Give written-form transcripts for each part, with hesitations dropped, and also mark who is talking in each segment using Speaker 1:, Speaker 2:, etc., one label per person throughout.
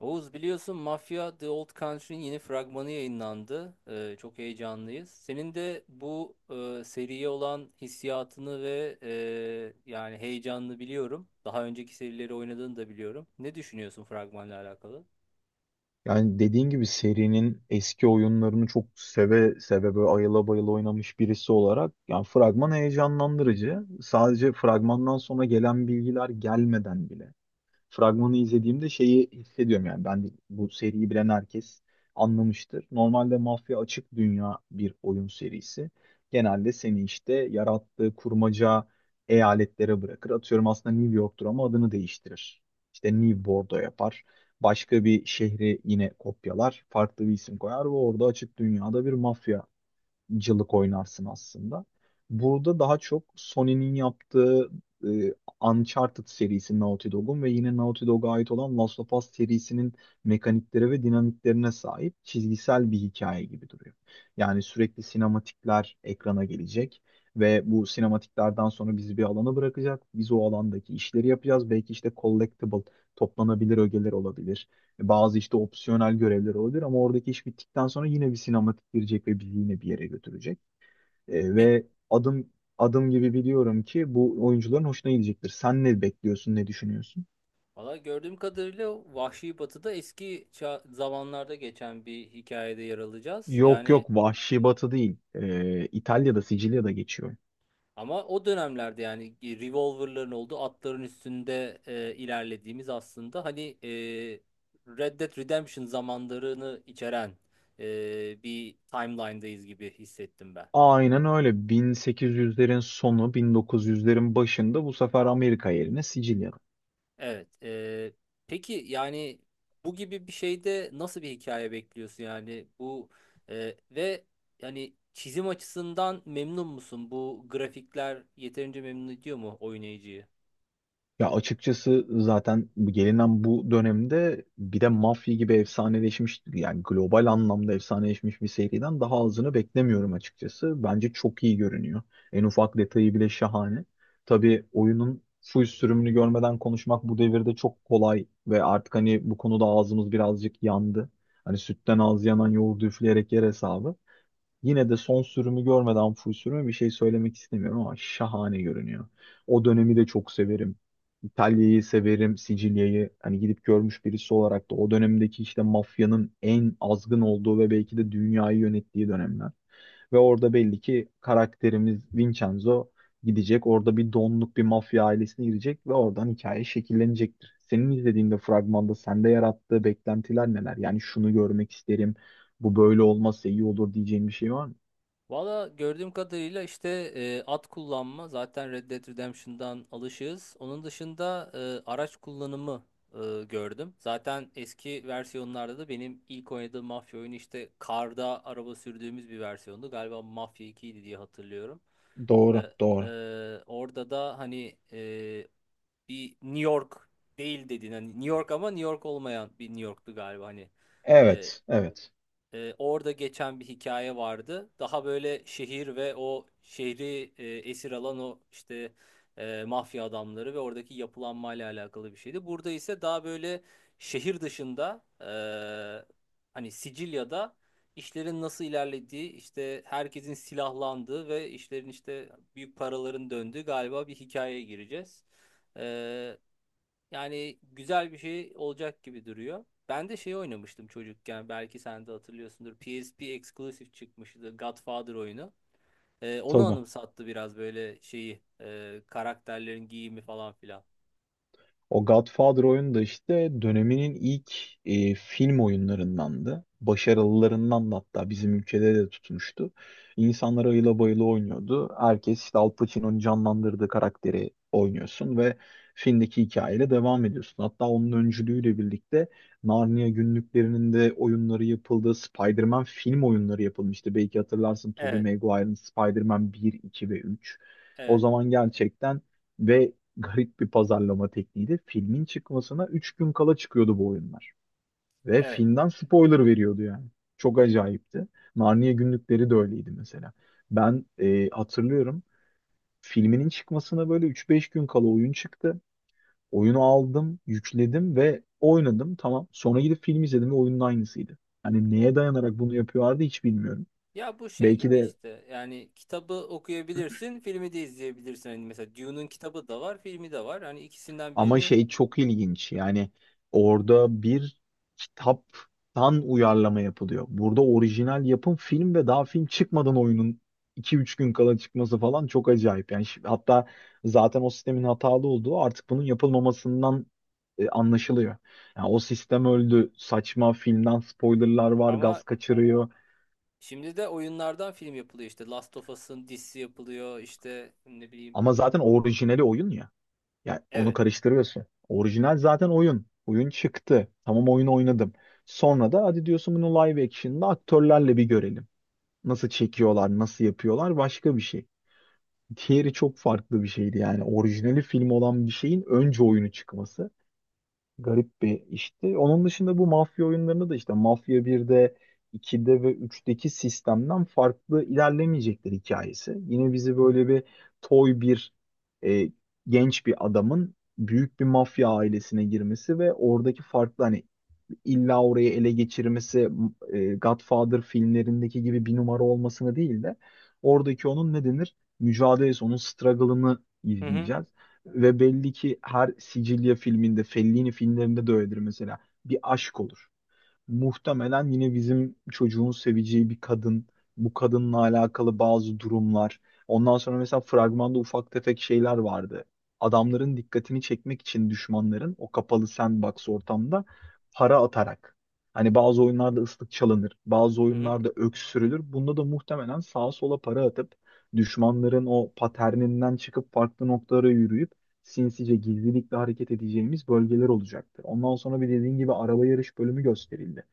Speaker 1: Oğuz biliyorsun Mafia The Old Country'nin yeni fragmanı yayınlandı. Çok heyecanlıyız. Senin de bu seriye olan hissiyatını ve yani heyecanını biliyorum. Daha önceki serileri oynadığını da biliyorum. Ne düşünüyorsun fragmanla alakalı?
Speaker 2: Yani dediğin gibi serinin eski oyunlarını çok seve seve böyle ayıla bayıla oynamış birisi olarak yani fragman heyecanlandırıcı. Sadece fragmandan sonra gelen bilgiler gelmeden bile fragmanı izlediğimde şeyi hissediyorum, yani bu seriyi bilen herkes anlamıştır. Normalde mafya açık dünya bir oyun serisi. Genelde seni işte yarattığı kurmaca eyaletlere bırakır. Atıyorum, aslında New York'tur ama adını değiştirir. İşte New Bordeaux yapar. Başka bir şehri yine kopyalar. Farklı bir isim koyar ve orada açık dünyada bir mafya cılık oynarsın aslında. Burada daha çok Sony'nin yaptığı e, Uncharted serisi Naughty Dog'un ve yine Naughty Dog'a ait olan Last of Us serisinin mekaniklere ve dinamiklerine sahip çizgisel bir hikaye gibi duruyor. Yani sürekli sinematikler ekrana gelecek ve bu sinematiklerden sonra bizi bir alana bırakacak. Biz o alandaki işleri yapacağız. Belki işte collectible, toplanabilir ögeler olabilir. Bazı işte opsiyonel görevler olabilir ama oradaki iş bittikten sonra yine bir sinematik girecek ve bizi yine bir yere götürecek.
Speaker 1: Pek
Speaker 2: Ve adım adım gibi biliyorum ki bu oyuncuların hoşuna gidecektir. Sen ne bekliyorsun, ne düşünüyorsun?
Speaker 1: Valla gördüğüm kadarıyla Vahşi Batı'da eski zamanlarda geçen bir hikayede yer alacağız.
Speaker 2: Yok
Speaker 1: Yani
Speaker 2: yok, Vahşi Batı değil. İtalya'da, Sicilya'da geçiyor.
Speaker 1: ama o dönemlerde yani revolverların olduğu, atların üstünde ilerlediğimiz, aslında hani Red Dead Redemption zamanlarını içeren bir timeline'dayız gibi hissettim ben.
Speaker 2: Aynen öyle. 1800'lerin sonu, 1900'lerin başında bu sefer Amerika yerine Sicilya.
Speaker 1: Evet. Peki yani bu gibi bir şeyde nasıl bir hikaye bekliyorsun, yani bu ve yani çizim açısından memnun musun? Bu grafikler yeterince memnun ediyor mu oynayıcıyı?
Speaker 2: Ya açıkçası zaten bu gelinen bu dönemde bir de Mafya gibi efsaneleşmiş, yani global anlamda efsaneleşmiş bir seriden daha azını beklemiyorum açıkçası. Bence çok iyi görünüyor. En ufak detayı bile şahane. Tabii oyunun full sürümünü görmeden konuşmak bu devirde çok kolay ve artık hani bu konuda ağzımız birazcık yandı. Hani sütten ağız yanan yoğurdu üfleyerek yer hesabı. Yine de son sürümü görmeden full sürümü bir şey söylemek istemiyorum ama şahane görünüyor. O dönemi de çok severim. İtalya'yı severim, Sicilya'yı hani gidip görmüş birisi olarak da o dönemdeki işte mafyanın en azgın olduğu ve belki de dünyayı yönettiği dönemler. Ve orada belli ki karakterimiz Vincenzo gidecek. Orada bir donluk bir mafya ailesine girecek ve oradan hikaye şekillenecektir. Senin izlediğinde fragmanda sende yarattığı beklentiler neler? Yani şunu görmek isterim, bu böyle olmazsa iyi olur diyeceğin bir şey var mı?
Speaker 1: Valla gördüğüm kadarıyla işte at kullanma zaten Red Dead Redemption'dan alışığız. Onun dışında araç kullanımı e, gördüm. Zaten eski versiyonlarda da benim ilk oynadığım mafya oyunu işte karda araba sürdüğümüz bir versiyondu. Galiba Mafya 2'ydi diye hatırlıyorum. E,
Speaker 2: Doğru, doğru.
Speaker 1: Orada da hani bir New York değil dedin. Hani New York ama New York olmayan bir New York'tu galiba, hani. E,
Speaker 2: Evet, evet.
Speaker 1: Orada geçen bir hikaye vardı. Daha böyle şehir ve o şehri esir alan o işte mafya adamları ve oradaki yapılanmayla alakalı bir şeydi. Burada ise daha böyle şehir dışında hani Sicilya'da işlerin nasıl ilerlediği, işte herkesin silahlandığı ve işlerin işte büyük paraların döndüğü galiba bir hikayeye gireceğiz. E, Yani güzel bir şey olacak gibi duruyor. Ben de şey oynamıştım çocukken. Belki sen de hatırlıyorsundur. PSP Exclusive çıkmıştı. Godfather oyunu. Onu
Speaker 2: Tabii.
Speaker 1: anımsattı biraz böyle şeyi. Karakterlerin giyimi falan filan.
Speaker 2: O Godfather oyunu da işte döneminin ilk film oyunlarındandı. Başarılılarından da, hatta bizim ülkede de tutmuştu. İnsanlar ayıla bayıla oynuyordu. Herkes işte Al Pacino'nun canlandırdığı karakteri oynuyorsun ve filmdeki hikayeyle devam ediyorsun. Hatta onun öncülüğüyle birlikte Narnia günlüklerinin de oyunları yapıldı. Spider-Man film oyunları yapılmıştı. Belki hatırlarsın, Tobey
Speaker 1: Evet.
Speaker 2: Maguire'ın Spider-Man 1, 2 ve 3. O
Speaker 1: Evet.
Speaker 2: zaman gerçekten ve garip bir pazarlama tekniğiydi. Filmin çıkmasına 3 gün kala çıkıyordu bu oyunlar. Ve
Speaker 1: Evet.
Speaker 2: filmden spoiler veriyordu yani. Çok acayipti. Narnia günlükleri de öyleydi mesela. Ben hatırlıyorum, filminin çıkmasına böyle üç beş gün kala oyun çıktı. Oyunu aldım, yükledim ve oynadım. Tamam. Sonra gidip film izledim ve oyunun aynısıydı. Hani neye dayanarak bunu yapıyorlardı hiç bilmiyorum.
Speaker 1: Ya bu şey
Speaker 2: Belki
Speaker 1: gibi
Speaker 2: de.
Speaker 1: işte. Yani kitabı okuyabilirsin. Filmi de izleyebilirsin. Hani mesela Dune'un kitabı da var. Filmi de var. Hani ikisinden
Speaker 2: Ama
Speaker 1: birini
Speaker 2: şey çok ilginç. Yani orada bir kitaptan uyarlama yapılıyor. Burada orijinal yapım film ve daha film çıkmadan oyunun iki üç gün kala çıkması falan çok acayip. Yani hatta zaten o sistemin hatalı olduğu artık bunun yapılmamasından anlaşılıyor. Yani o sistem öldü. Saçma, filmden spoilerlar var,
Speaker 1: ama
Speaker 2: gaz kaçırıyor.
Speaker 1: şimdi de oyunlardan film yapılıyor, işte. Last of Us'ın dizisi yapılıyor. İşte ne bileyim.
Speaker 2: Ama zaten orijinali oyun ya. Ya onu
Speaker 1: Evet.
Speaker 2: karıştırıyorsun. Orijinal zaten oyun. Oyun çıktı. Tamam, oyunu oynadım. Sonra da hadi diyorsun, bunu live action'da aktörlerle bir görelim. Nasıl çekiyorlar, nasıl yapıyorlar, başka bir şey. Diğeri çok farklı bir şeydi yani. Orijinali film olan bir şeyin önce oyunu çıkması. Garip bir işti. Onun dışında bu mafya oyunlarında da işte Mafya 1'de, 2'de ve üçteki sistemden farklı ilerlemeyecekler hikayesi. Yine bizi böyle bir toy bir e, genç bir adamın büyük bir mafya ailesine girmesi ve oradaki farklı, hani illa orayı ele geçirmesi, Godfather filmlerindeki gibi bir numara olmasını değil de oradaki onun ne denir, mücadelesi, onun struggle'ını
Speaker 1: Hı hı.
Speaker 2: izleyeceğiz. Ve belli ki her Sicilya filminde, Fellini filmlerinde de öyledir mesela. Bir aşk olur. Muhtemelen yine bizim çocuğun seveceği bir kadın, bu kadınla alakalı bazı durumlar. Ondan sonra mesela fragmanda ufak tefek şeyler vardı. Adamların dikkatini çekmek için düşmanların o kapalı sandbox ortamda para atarak. Hani bazı oyunlarda ıslık çalınır, bazı
Speaker 1: Hı hı.
Speaker 2: oyunlarda öksürülür. Bunda da muhtemelen sağa sola para atıp düşmanların o paterninden çıkıp farklı noktalara yürüyüp sinsice gizlilikle hareket edeceğimiz bölgeler olacaktır. Ondan sonra bir, dediğin gibi, araba yarış bölümü gösterildi.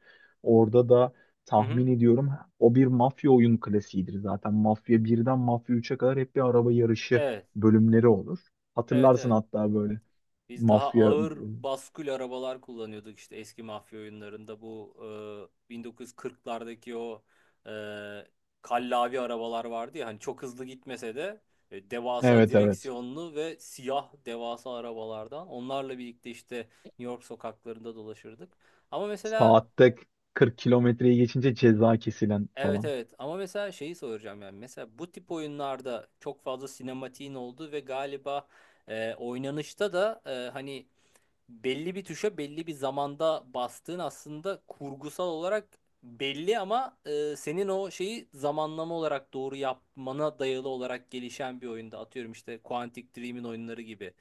Speaker 2: Orada da
Speaker 1: Hı hı.
Speaker 2: tahmin ediyorum o bir mafya oyun klasiğidir zaten. Mafya birden Mafya üçe kadar hep bir araba yarışı
Speaker 1: Evet.
Speaker 2: bölümleri olur.
Speaker 1: Evet,
Speaker 2: Hatırlarsın
Speaker 1: evet.
Speaker 2: hatta böyle
Speaker 1: Biz daha
Speaker 2: mafya
Speaker 1: ağır baskül arabalar kullanıyorduk işte eski mafya oyunlarında, bu 1940'lardaki o e, kallavi arabalar vardı ya, hani çok hızlı gitmese de devasa
Speaker 2: evet evet,
Speaker 1: direksiyonlu ve siyah devasa arabalardan, onlarla birlikte işte New York sokaklarında dolaşırdık. Ama mesela
Speaker 2: saatte 40 kilometreyi geçince ceza kesilen
Speaker 1: Evet,
Speaker 2: falan.
Speaker 1: evet, ama mesela şeyi soracağım, yani mesela bu tip oyunlarda çok fazla sinematiğin olduğu ve galiba oynanışta da hani belli bir tuşa belli bir zamanda bastığın aslında kurgusal olarak belli ama senin o şeyi zamanlama olarak doğru yapmana dayalı olarak gelişen bir oyunda, atıyorum işte Quantic Dream'in oyunları gibi,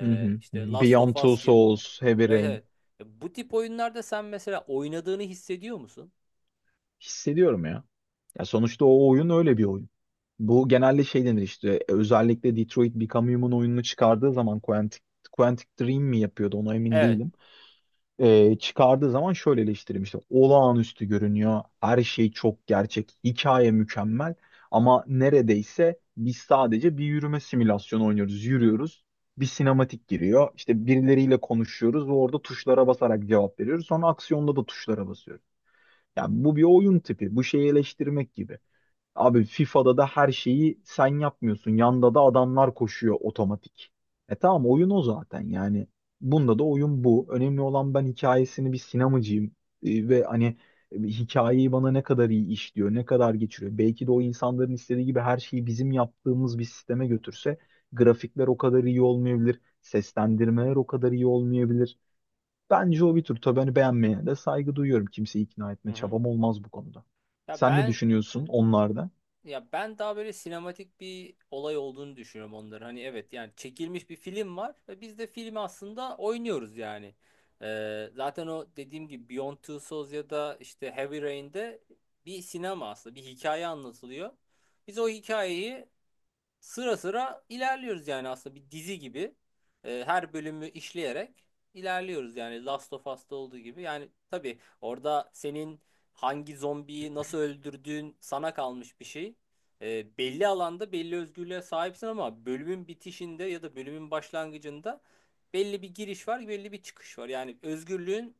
Speaker 2: Hı hı. Hı
Speaker 1: işte
Speaker 2: hı.
Speaker 1: Last
Speaker 2: Beyond
Speaker 1: of
Speaker 2: Two
Speaker 1: Us gibi,
Speaker 2: Souls, Heavy
Speaker 1: evet
Speaker 2: Rain.
Speaker 1: evet, bu tip oyunlarda sen mesela oynadığını hissediyor musun?
Speaker 2: Hissediyorum ya. Ya sonuçta o oyun öyle bir oyun. Bu genelde şey denir işte, özellikle Detroit Become Human oyununu çıkardığı zaman Quantic Dream mi yapıyordu ona emin
Speaker 1: Evet.
Speaker 2: değilim. Çıkardığı zaman şöyle eleştirilmişti. Olağanüstü görünüyor. Her şey çok gerçek. Hikaye mükemmel. Ama neredeyse biz sadece bir yürüme simülasyonu oynuyoruz. Yürüyoruz. Bir sinematik giriyor. İşte birileriyle konuşuyoruz ve orada tuşlara basarak cevap veriyoruz. Sonra aksiyonda da tuşlara basıyoruz. Ya bu bir oyun tipi. Bu şeyi eleştirmek gibi. Abi FIFA'da da her şeyi sen yapmıyorsun. Yanda da adamlar koşuyor otomatik. E tamam, oyun o zaten yani. Bunda da oyun bu. Önemli olan, ben hikayesini bir sinemacıyım. Ve hani hikayeyi bana ne kadar iyi işliyor, ne kadar geçiriyor. Belki de o insanların istediği gibi her şeyi bizim yaptığımız bir sisteme götürse grafikler o kadar iyi olmayabilir. Seslendirmeler o kadar iyi olmayabilir. Bence o bir tür. Tabii hani beğenmeyene de saygı duyuyorum. Kimseyi ikna
Speaker 1: Hı
Speaker 2: etme
Speaker 1: hı.
Speaker 2: çabam olmaz bu konuda.
Speaker 1: Ya
Speaker 2: Sen ne
Speaker 1: ben
Speaker 2: düşünüyorsun onlarda?
Speaker 1: Ya ben daha böyle sinematik bir olay olduğunu düşünüyorum onların. Hani evet, yani çekilmiş bir film var ve biz de filmi aslında oynuyoruz yani. Zaten o dediğim gibi Beyond Two Souls ya da işte Heavy Rain'de bir sinema, aslında bir hikaye anlatılıyor. Biz o hikayeyi sıra sıra ilerliyoruz, yani aslında bir dizi gibi. Her bölümü işleyerek ilerliyoruz, yani Last of Us'ta olduğu gibi. Yani tabii orada senin hangi zombiyi nasıl öldürdüğün sana kalmış bir şey. Belli alanda belli özgürlüğe sahipsin ama bölümün bitişinde ya da bölümün başlangıcında belli bir giriş var, belli bir çıkış var. Yani özgürlüğün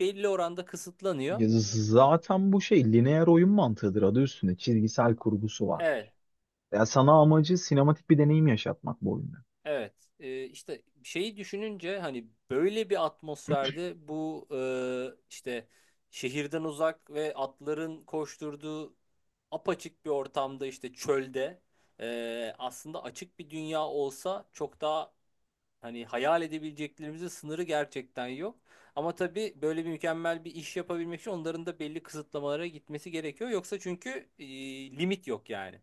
Speaker 1: belli oranda kısıtlanıyor.
Speaker 2: Ya zaten bu şey lineer oyun mantığıdır, adı üstünde. Çizgisel kurgusu
Speaker 1: Evet.
Speaker 2: vardır. Ya sana amacı sinematik bir deneyim yaşatmak bu oyunda.
Speaker 1: Evet, işte şeyi düşününce hani böyle bir atmosferde bu işte şehirden uzak ve atların koşturduğu apaçık bir ortamda, işte çölde aslında açık bir dünya olsa çok daha, hani hayal edebileceklerimizin sınırı gerçekten yok. Ama tabii böyle bir mükemmel bir iş yapabilmek için onların da belli kısıtlamalara gitmesi gerekiyor. Yoksa çünkü limit yok yani.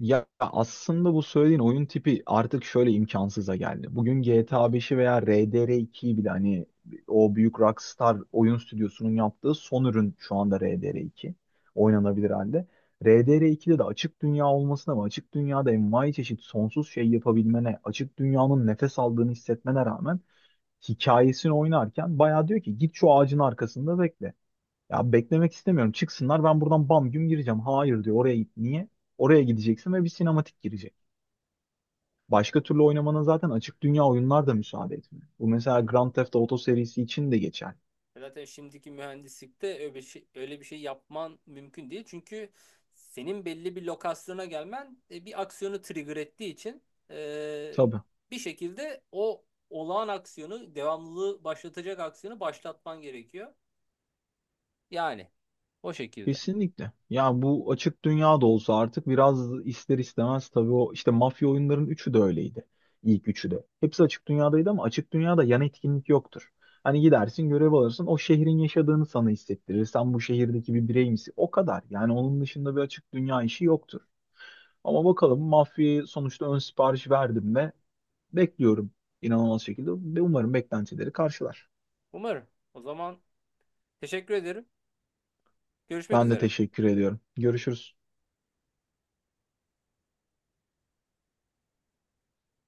Speaker 2: Ya aslında bu söylediğin oyun tipi artık şöyle imkansıza geldi. Bugün GTA 5'i veya RDR2'yi bile, hani o büyük Rockstar oyun stüdyosunun yaptığı son ürün, şu anda RDR2 oynanabilir halde. RDR2'de de açık dünya olmasına ve açık dünyada envai çeşit sonsuz şey yapabilmene, açık dünyanın nefes aldığını hissetmene rağmen hikayesini oynarken bayağı diyor ki git şu ağacın arkasında bekle. Ya beklemek istemiyorum. Çıksınlar, ben buradan bam güm gireceğim. Hayır diyor. Oraya git. Niye? Oraya gideceksin ve bir sinematik girecek. Başka türlü oynamanın zaten açık dünya oyunlar da müsaade etmiyor. Bu
Speaker 1: Hı
Speaker 2: mesela
Speaker 1: hı.
Speaker 2: Grand Theft Auto serisi için de geçer.
Speaker 1: Zaten şimdiki mühendislikte öyle bir şey, öyle bir şey yapman mümkün değil. Çünkü senin belli bir lokasyona gelmen bir aksiyonu trigger ettiği için e,
Speaker 2: Tabii.
Speaker 1: bir şekilde o olağan aksiyonu, devamlılığı başlatacak aksiyonu başlatman gerekiyor. Yani o şekilde.
Speaker 2: Kesinlikle. Ya bu açık dünya da olsa artık biraz ister istemez, tabii, o işte mafya oyunların üçü de öyleydi. İlk üçü de. Hepsi açık dünyadaydı ama açık dünyada yan etkinlik yoktur. Hani gidersin görev alırsın, o şehrin yaşadığını sana hissettirir. Sen bu şehirdeki bir birey misin? O kadar. Yani onun dışında bir açık dünya işi yoktur. Ama bakalım, mafyaya sonuçta ön sipariş verdim ve bekliyorum inanılmaz şekilde, ve umarım beklentileri karşılar.
Speaker 1: Umarım. O zaman teşekkür ederim. Görüşmek
Speaker 2: Ben de
Speaker 1: üzere.
Speaker 2: teşekkür ediyorum. Görüşürüz.